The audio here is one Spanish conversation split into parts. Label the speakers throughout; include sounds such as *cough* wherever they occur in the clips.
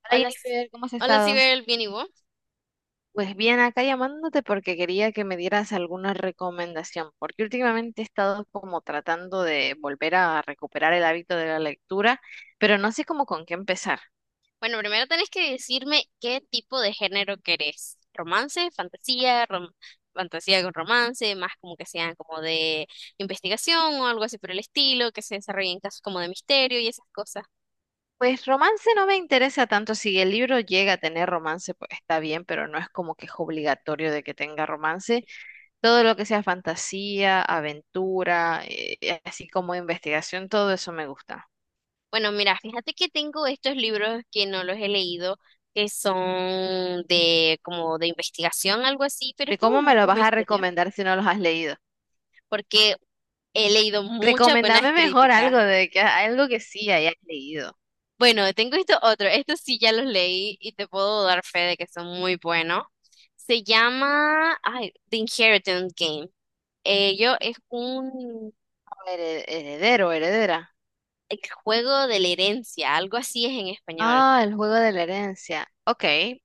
Speaker 1: Hola
Speaker 2: Hola, S-
Speaker 1: Jennifer, ¿cómo has
Speaker 2: hola
Speaker 1: estado?
Speaker 2: Sibel, bien y vos.
Speaker 1: Pues bien, acá llamándote porque quería que me dieras alguna recomendación, porque últimamente he estado como tratando de volver a recuperar el hábito de la lectura, pero no sé cómo con qué empezar.
Speaker 2: Bueno, primero tenés que decirme qué tipo de género querés. ¿Romance, fantasía, rom- fantasía con romance, más como que sean como de investigación o algo así por el estilo, que se desarrollen casos como de misterio y esas cosas?
Speaker 1: Pues romance no me interesa tanto, si el libro llega a tener romance, pues está bien, pero no es como que es obligatorio de que tenga romance. Todo lo que sea fantasía, aventura, así como investigación, todo eso me gusta.
Speaker 2: Bueno, mira, fíjate que tengo estos libros que no los he leído, que son de como de investigación, algo así, pero es
Speaker 1: ¿Y
Speaker 2: como
Speaker 1: cómo me
Speaker 2: un
Speaker 1: lo
Speaker 2: un
Speaker 1: vas a
Speaker 2: misterio,
Speaker 1: recomendar si no los has leído?
Speaker 2: porque he leído muchas buenas
Speaker 1: Recomendame mejor
Speaker 2: críticas.
Speaker 1: algo de que algo que sí hayas leído.
Speaker 2: Bueno, tengo esto otro. Estos sí ya los leí y te puedo dar fe de que son muy buenos. Se llama, ay, The Inheritance Game. Ello es un
Speaker 1: Heredero, heredera.
Speaker 2: el juego de la herencia, algo así es en español.
Speaker 1: Ah, el juego de la herencia. Ok,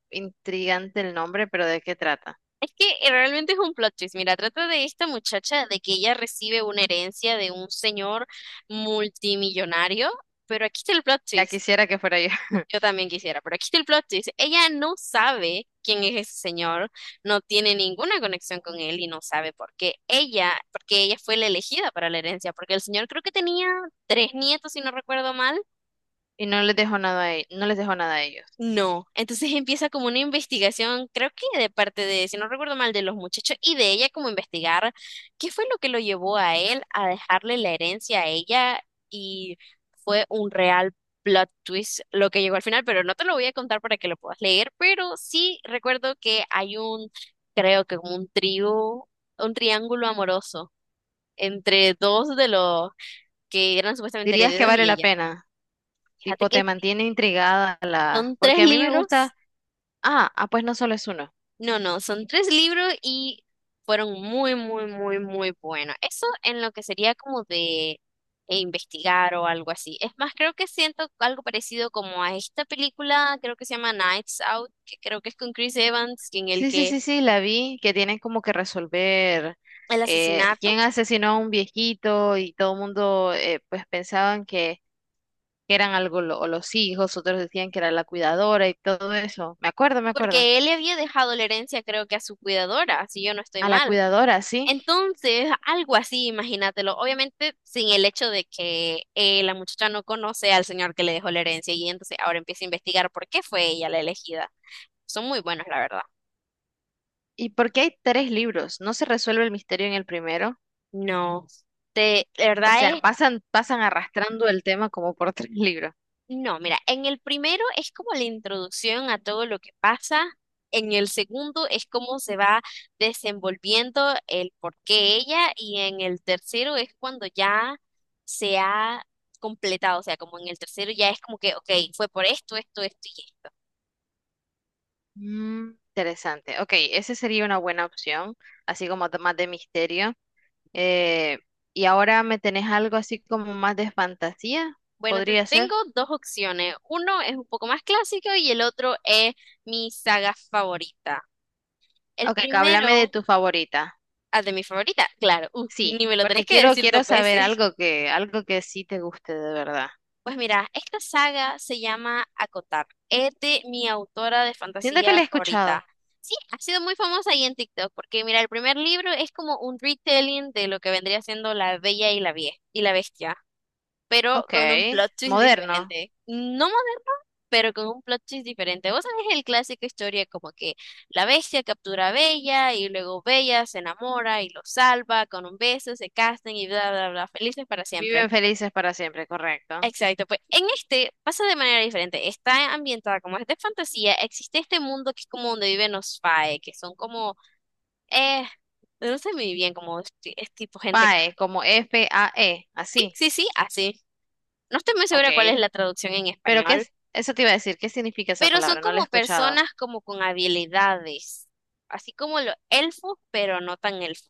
Speaker 1: intrigante el nombre, pero ¿de qué trata?
Speaker 2: Es que realmente es un plot twist. Mira, trata de esta muchacha de que ella recibe una herencia de un señor multimillonario, pero aquí está el plot
Speaker 1: Ya
Speaker 2: twist.
Speaker 1: quisiera que fuera yo. *laughs*
Speaker 2: Yo también quisiera, pero aquí está el plot twist. Ella no sabe quién es ese señor, no tiene ninguna conexión con él y no sabe por qué ella, porque ella fue la elegida para la herencia, porque el señor creo que tenía tres nietos, si no recuerdo mal,
Speaker 1: Y no les dejo nada a, no les dejo nada a ellos.
Speaker 2: no, entonces empieza como una investigación, creo que de parte de, si no recuerdo mal, de los muchachos y de ella como investigar qué fue lo que lo llevó a él a dejarle la herencia a ella y fue un real plot twist lo que llegó al final, pero no te lo voy a contar para que lo puedas leer, pero sí recuerdo que hay un, creo que como un trío, un triángulo amoroso entre dos de los que eran supuestamente
Speaker 1: ¿Dirías que
Speaker 2: herederos
Speaker 1: vale
Speaker 2: y
Speaker 1: la
Speaker 2: ella.
Speaker 1: pena?
Speaker 2: Fíjate
Speaker 1: Tipo,
Speaker 2: que
Speaker 1: te mantiene intrigada la.
Speaker 2: son tres
Speaker 1: Porque a mí me
Speaker 2: libros.
Speaker 1: gusta. Ah, ah, pues no solo es uno.
Speaker 2: No, no, son tres libros y fueron muy, muy, muy, muy buenos. Eso en lo que sería como de investigar o algo así. Es más, creo que siento algo parecido como a esta película, creo que se llama Nights Out, que creo que es con Chris Evans, en el
Speaker 1: Sí, sí,
Speaker 2: que
Speaker 1: sí, sí, la vi, que tienen como que resolver
Speaker 2: el asesinato,
Speaker 1: quién asesinó a un viejito y todo el mundo, pues pensaban que eran algo los hijos, otros decían que era la cuidadora y todo eso. Me acuerdo, me acuerdo.
Speaker 2: porque él le había dejado la herencia, creo que a su cuidadora, si yo no estoy
Speaker 1: A la
Speaker 2: mal.
Speaker 1: cuidadora, sí.
Speaker 2: Entonces, algo así, imagínatelo. Obviamente, sin el hecho de que la muchacha no conoce al señor que le dejó la herencia y entonces ahora empieza a investigar por qué fue ella la elegida. Son muy buenos, la verdad.
Speaker 1: ¿Y por qué hay tres libros? ¿No se resuelve el misterio en el primero?
Speaker 2: No, de, la
Speaker 1: O sea,
Speaker 2: verdad.
Speaker 1: pasan, pasan arrastrando el tema como por *laughs* tres libros.
Speaker 2: No, mira, en el primero es como la introducción a todo lo que pasa. En el segundo es cómo se va desenvolviendo el por qué ella. Y en el tercero es cuando ya se ha completado. O sea, como en el tercero ya es como que, ok, fue por esto, esto, esto y esto.
Speaker 1: Mm, interesante. Ok, esa sería una buena opción, así como más de misterio. Eh, y ahora me tenés algo así como más de fantasía,
Speaker 2: Bueno, te
Speaker 1: podría ser.
Speaker 2: tengo dos opciones. Uno es un poco más clásico y el otro es mi saga favorita. El
Speaker 1: Ok, que háblame de
Speaker 2: primero,
Speaker 1: tu favorita.
Speaker 2: ah, de mi favorita, claro, *laughs* uf,
Speaker 1: Sí,
Speaker 2: ni me lo tenés
Speaker 1: porque
Speaker 2: que
Speaker 1: quiero,
Speaker 2: decir
Speaker 1: quiero
Speaker 2: dos
Speaker 1: saber
Speaker 2: veces.
Speaker 1: algo que sí te guste de verdad.
Speaker 2: Pues mira, esta saga se llama Acotar. Es de mi autora de
Speaker 1: Siento que
Speaker 2: fantasía
Speaker 1: le he
Speaker 2: favorita.
Speaker 1: escuchado.
Speaker 2: Sí, ha sido muy famosa ahí en TikTok, porque mira, el primer libro es como un retelling de lo que vendría siendo La Bella y la Vie- y la Bestia, pero
Speaker 1: Ok,
Speaker 2: con un plot twist
Speaker 1: moderno.
Speaker 2: diferente. No moderno, pero con un plot twist diferente. Vos sabés el clásico historia como que la bestia captura a Bella y luego Bella se enamora y lo salva con un beso, se casan y bla, bla, bla, felices para siempre.
Speaker 1: Viven felices para siempre, correcto.
Speaker 2: Exacto, pues en este pasa de manera diferente. Está ambientada como es de fantasía. Existe este mundo que es como donde viven los fae, que son como, eh, no sé muy bien, como es, ti- es tipo gente. Que-
Speaker 1: PAE, como FAE,
Speaker 2: sí,
Speaker 1: así.
Speaker 2: sí, sí, así. No estoy muy
Speaker 1: Ok.
Speaker 2: segura cuál es la traducción en
Speaker 1: Pero ¿qué
Speaker 2: español,
Speaker 1: es? Eso te iba a decir, ¿qué significa esa
Speaker 2: pero son
Speaker 1: palabra? No la he
Speaker 2: como
Speaker 1: escuchado.
Speaker 2: personas como con habilidades, así como los elfos, pero no tan elfos.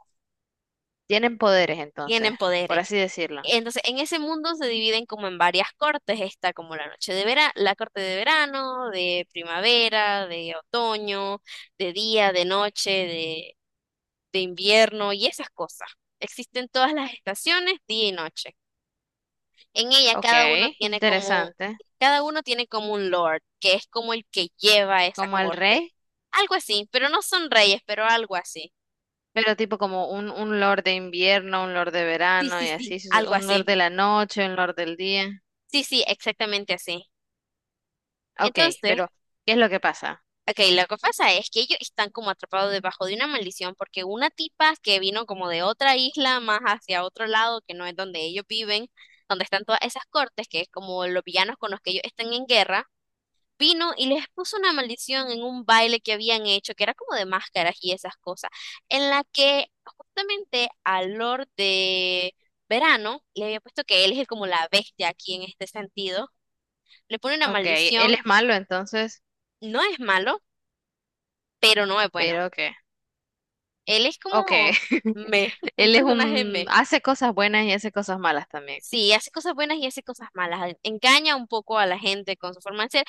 Speaker 1: Tienen poderes entonces,
Speaker 2: Tienen
Speaker 1: por
Speaker 2: poderes.
Speaker 1: así decirlo.
Speaker 2: Entonces, en ese mundo se dividen como en varias cortes. Está como la noche de verano, la corte de verano, de primavera, de otoño, de día, de noche, de invierno y esas cosas. Existen todas las estaciones, día y noche. En ella
Speaker 1: Ok,
Speaker 2: cada uno tiene como,
Speaker 1: interesante.
Speaker 2: cada uno tiene como un lord, que es como el que lleva esa
Speaker 1: Como el
Speaker 2: corte.
Speaker 1: rey,
Speaker 2: Algo así, pero no son reyes, pero algo así.
Speaker 1: pero tipo como un lord de invierno, un lord de
Speaker 2: Sí,
Speaker 1: verano
Speaker 2: sí,
Speaker 1: y así,
Speaker 2: sí. Algo
Speaker 1: un lord
Speaker 2: así.
Speaker 1: de la noche, un lord del día.
Speaker 2: Sí, sí, exactamente así.
Speaker 1: Ok,
Speaker 2: Entonces,
Speaker 1: pero ¿qué es lo que pasa?
Speaker 2: ok, lo que pasa es que ellos están como atrapados debajo de una maldición porque una tipa que vino como de otra isla más hacia otro lado, que no es donde ellos viven, donde están todas esas cortes, que es como los villanos con los que ellos están en guerra, vino y les puso una maldición en un baile que habían hecho, que era como de máscaras y esas cosas, en la que justamente al Lord de Verano le había puesto que él es como la bestia aquí en este sentido, le pone una
Speaker 1: Ok, él
Speaker 2: maldición,
Speaker 1: es malo entonces,
Speaker 2: no es malo, pero no es bueno.
Speaker 1: pero ¿qué?
Speaker 2: Él es
Speaker 1: Ok,
Speaker 2: como me,
Speaker 1: *laughs*
Speaker 2: un
Speaker 1: él es
Speaker 2: personaje
Speaker 1: un,
Speaker 2: me.
Speaker 1: hace cosas buenas y hace cosas malas también.
Speaker 2: Sí, hace cosas buenas y hace cosas malas. Engaña un poco a la gente con su forma de ser.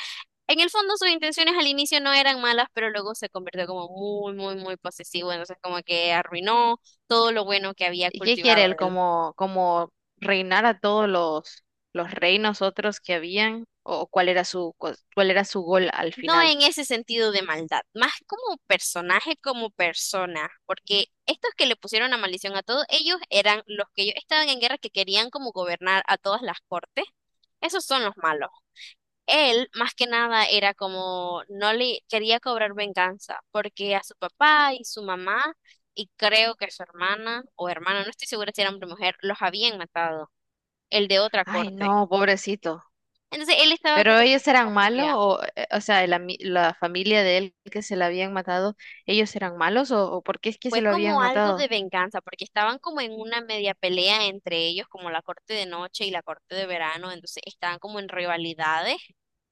Speaker 2: En el fondo, sus intenciones al inicio no eran malas, pero luego se convirtió como muy, muy, muy posesivo. Entonces, como que arruinó todo lo bueno que había
Speaker 1: ¿Y qué quiere
Speaker 2: cultivado
Speaker 1: él?
Speaker 2: él.
Speaker 1: ¿Como, como reinar a todos los reinos otros que habían? ¿O cuál era su, cuál era su gol al
Speaker 2: No
Speaker 1: final?
Speaker 2: en ese sentido de maldad, más como personaje, como persona, porque estos que le pusieron la maldición a todos, ellos eran los que ellos estaban en guerra que querían como gobernar a todas las cortes. Esos son los malos. Él, más que nada, era como, no le quería cobrar venganza, porque a su papá y su mamá, y creo que su hermana o hermana, no estoy segura si era hombre o mujer, los habían matado, el de otra
Speaker 1: Ay,
Speaker 2: corte.
Speaker 1: no, pobrecito.
Speaker 2: Entonces él estaba
Speaker 1: ¿Pero
Speaker 2: como con
Speaker 1: ellos
Speaker 2: esa
Speaker 1: eran malos?
Speaker 2: furia.
Speaker 1: O sea, el la familia de él que se la habían matado, ellos eran malos? O por qué es que se
Speaker 2: Fue
Speaker 1: lo
Speaker 2: como
Speaker 1: habían
Speaker 2: algo de
Speaker 1: matado?
Speaker 2: venganza, porque estaban como en una media pelea entre ellos, como la corte de noche y la corte de verano, entonces estaban como en rivalidades.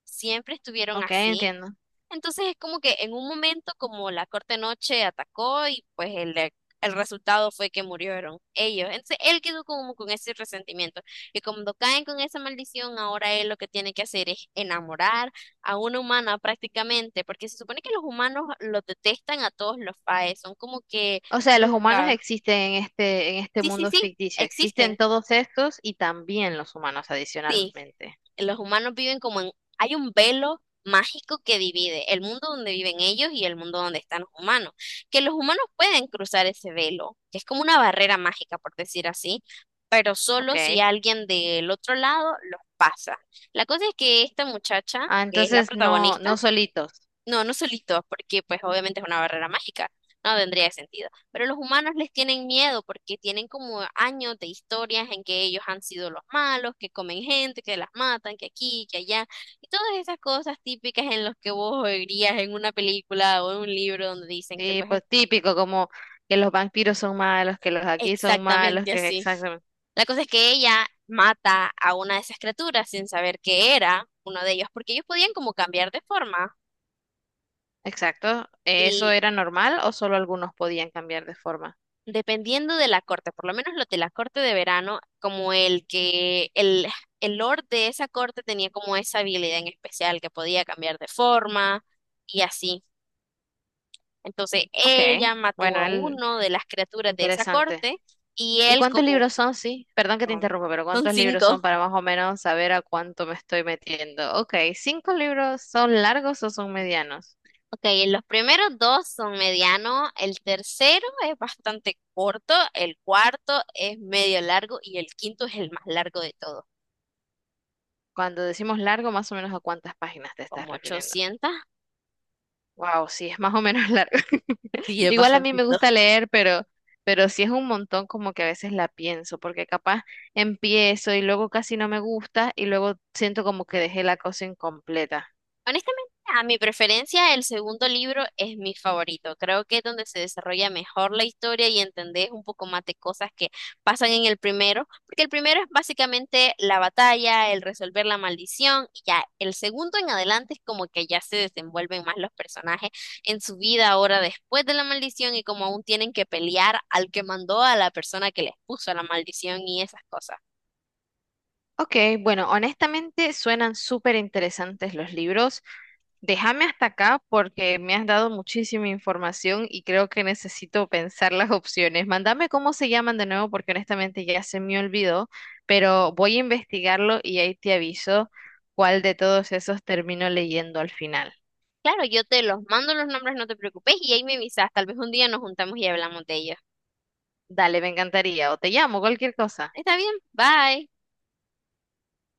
Speaker 2: Siempre estuvieron
Speaker 1: Ok,
Speaker 2: así.
Speaker 1: entiendo.
Speaker 2: Entonces es como que en un momento como la corte noche atacó y pues el resultado fue que murieron ellos. Entonces él quedó como con ese resentimiento. Y cuando caen con esa maldición, ahora él lo que tiene que hacer es enamorar a una humana prácticamente, porque se supone que los humanos los detestan a todos los faes, son como que
Speaker 1: O sea, los humanos
Speaker 2: nunca.
Speaker 1: existen en este
Speaker 2: Sí, sí,
Speaker 1: mundo
Speaker 2: sí,
Speaker 1: ficticio.
Speaker 2: existen.
Speaker 1: Existen todos estos y también los humanos
Speaker 2: Sí.
Speaker 1: adicionalmente.
Speaker 2: Los humanos viven como en, hay un velo mágico que divide el mundo donde viven ellos y el mundo donde están los humanos, que los humanos pueden cruzar ese velo, que es como una barrera mágica, por decir así, pero
Speaker 1: ¿Ok?
Speaker 2: solo si alguien del otro lado los pasa. La cosa es que esta muchacha,
Speaker 1: Ah,
Speaker 2: que es la
Speaker 1: entonces no,
Speaker 2: protagonista,
Speaker 1: no solitos.
Speaker 2: no, no solitos, porque pues obviamente es una barrera mágica, no tendría sentido. Pero los humanos les tienen miedo porque tienen como años de historias en que ellos han sido los malos, que comen gente, que las matan, que aquí, que allá, y todas esas cosas típicas en las que vos oirías en una película o en un libro donde dicen que
Speaker 1: Sí,
Speaker 2: pues es
Speaker 1: pues típico, como que los vampiros son malos, que los aquí son malos,
Speaker 2: exactamente
Speaker 1: que
Speaker 2: así.
Speaker 1: exactamente.
Speaker 2: La cosa es que ella mata a una de esas criaturas sin saber que era uno de ellos, porque ellos podían como cambiar de forma.
Speaker 1: Exacto. ¿Eso era normal o solo algunos podían cambiar de forma?
Speaker 2: Dependiendo de la corte, por lo menos los de la corte de verano, como el que el lord de esa corte tenía como esa habilidad en especial que podía cambiar de forma y así. Entonces
Speaker 1: Ok.
Speaker 2: ella mató
Speaker 1: Bueno,
Speaker 2: a
Speaker 1: el,
Speaker 2: uno de las criaturas de esa
Speaker 1: interesante.
Speaker 2: corte y
Speaker 1: ¿Y
Speaker 2: él
Speaker 1: cuántos
Speaker 2: como
Speaker 1: libros son? Sí, perdón que te
Speaker 2: son
Speaker 1: interrumpa, pero
Speaker 2: son
Speaker 1: ¿cuántos libros son
Speaker 2: cinco.
Speaker 1: para más o menos saber a cuánto me estoy metiendo? Ok, ¿cinco libros son largos o son medianos?
Speaker 2: Ok, los primeros dos son medianos, el tercero es bastante corto, el cuarto es medio largo y el quinto es el más largo de todos,
Speaker 1: Cuando decimos largo, más o menos a cuántas páginas te estás
Speaker 2: como
Speaker 1: refiriendo.
Speaker 2: 800.
Speaker 1: Wow, sí, es más o menos largo. *laughs*
Speaker 2: Sí, es
Speaker 1: Igual a mí
Speaker 2: bastante.
Speaker 1: me gusta leer, pero sí es un montón como que a veces la pienso, porque capaz empiezo y luego casi no me gusta y luego siento como que dejé la cosa incompleta.
Speaker 2: Honestamente, a mi preferencia, el segundo libro es mi favorito. Creo que es donde se desarrolla mejor la historia y entendés un poco más de cosas que pasan en el primero, porque el primero es básicamente la batalla, el resolver la maldición, y ya el segundo en adelante es como que ya se desenvuelven más los personajes en su vida ahora después de la maldición y como aún tienen que pelear al que mandó a la persona que les puso la maldición y esas cosas.
Speaker 1: Ok, bueno, honestamente suenan súper interesantes los libros. Déjame hasta acá porque me has dado muchísima información y creo que necesito pensar las opciones. Mándame cómo se llaman de nuevo porque honestamente ya se me olvidó, pero voy a investigarlo y ahí te aviso cuál de todos esos termino leyendo al final.
Speaker 2: Claro, yo te los mando los nombres, no te preocupes, y ahí me avisas, tal vez un día nos juntamos y hablamos de ellos.
Speaker 1: Dale, me encantaría. O te llamo, cualquier cosa.
Speaker 2: Está bien, bye.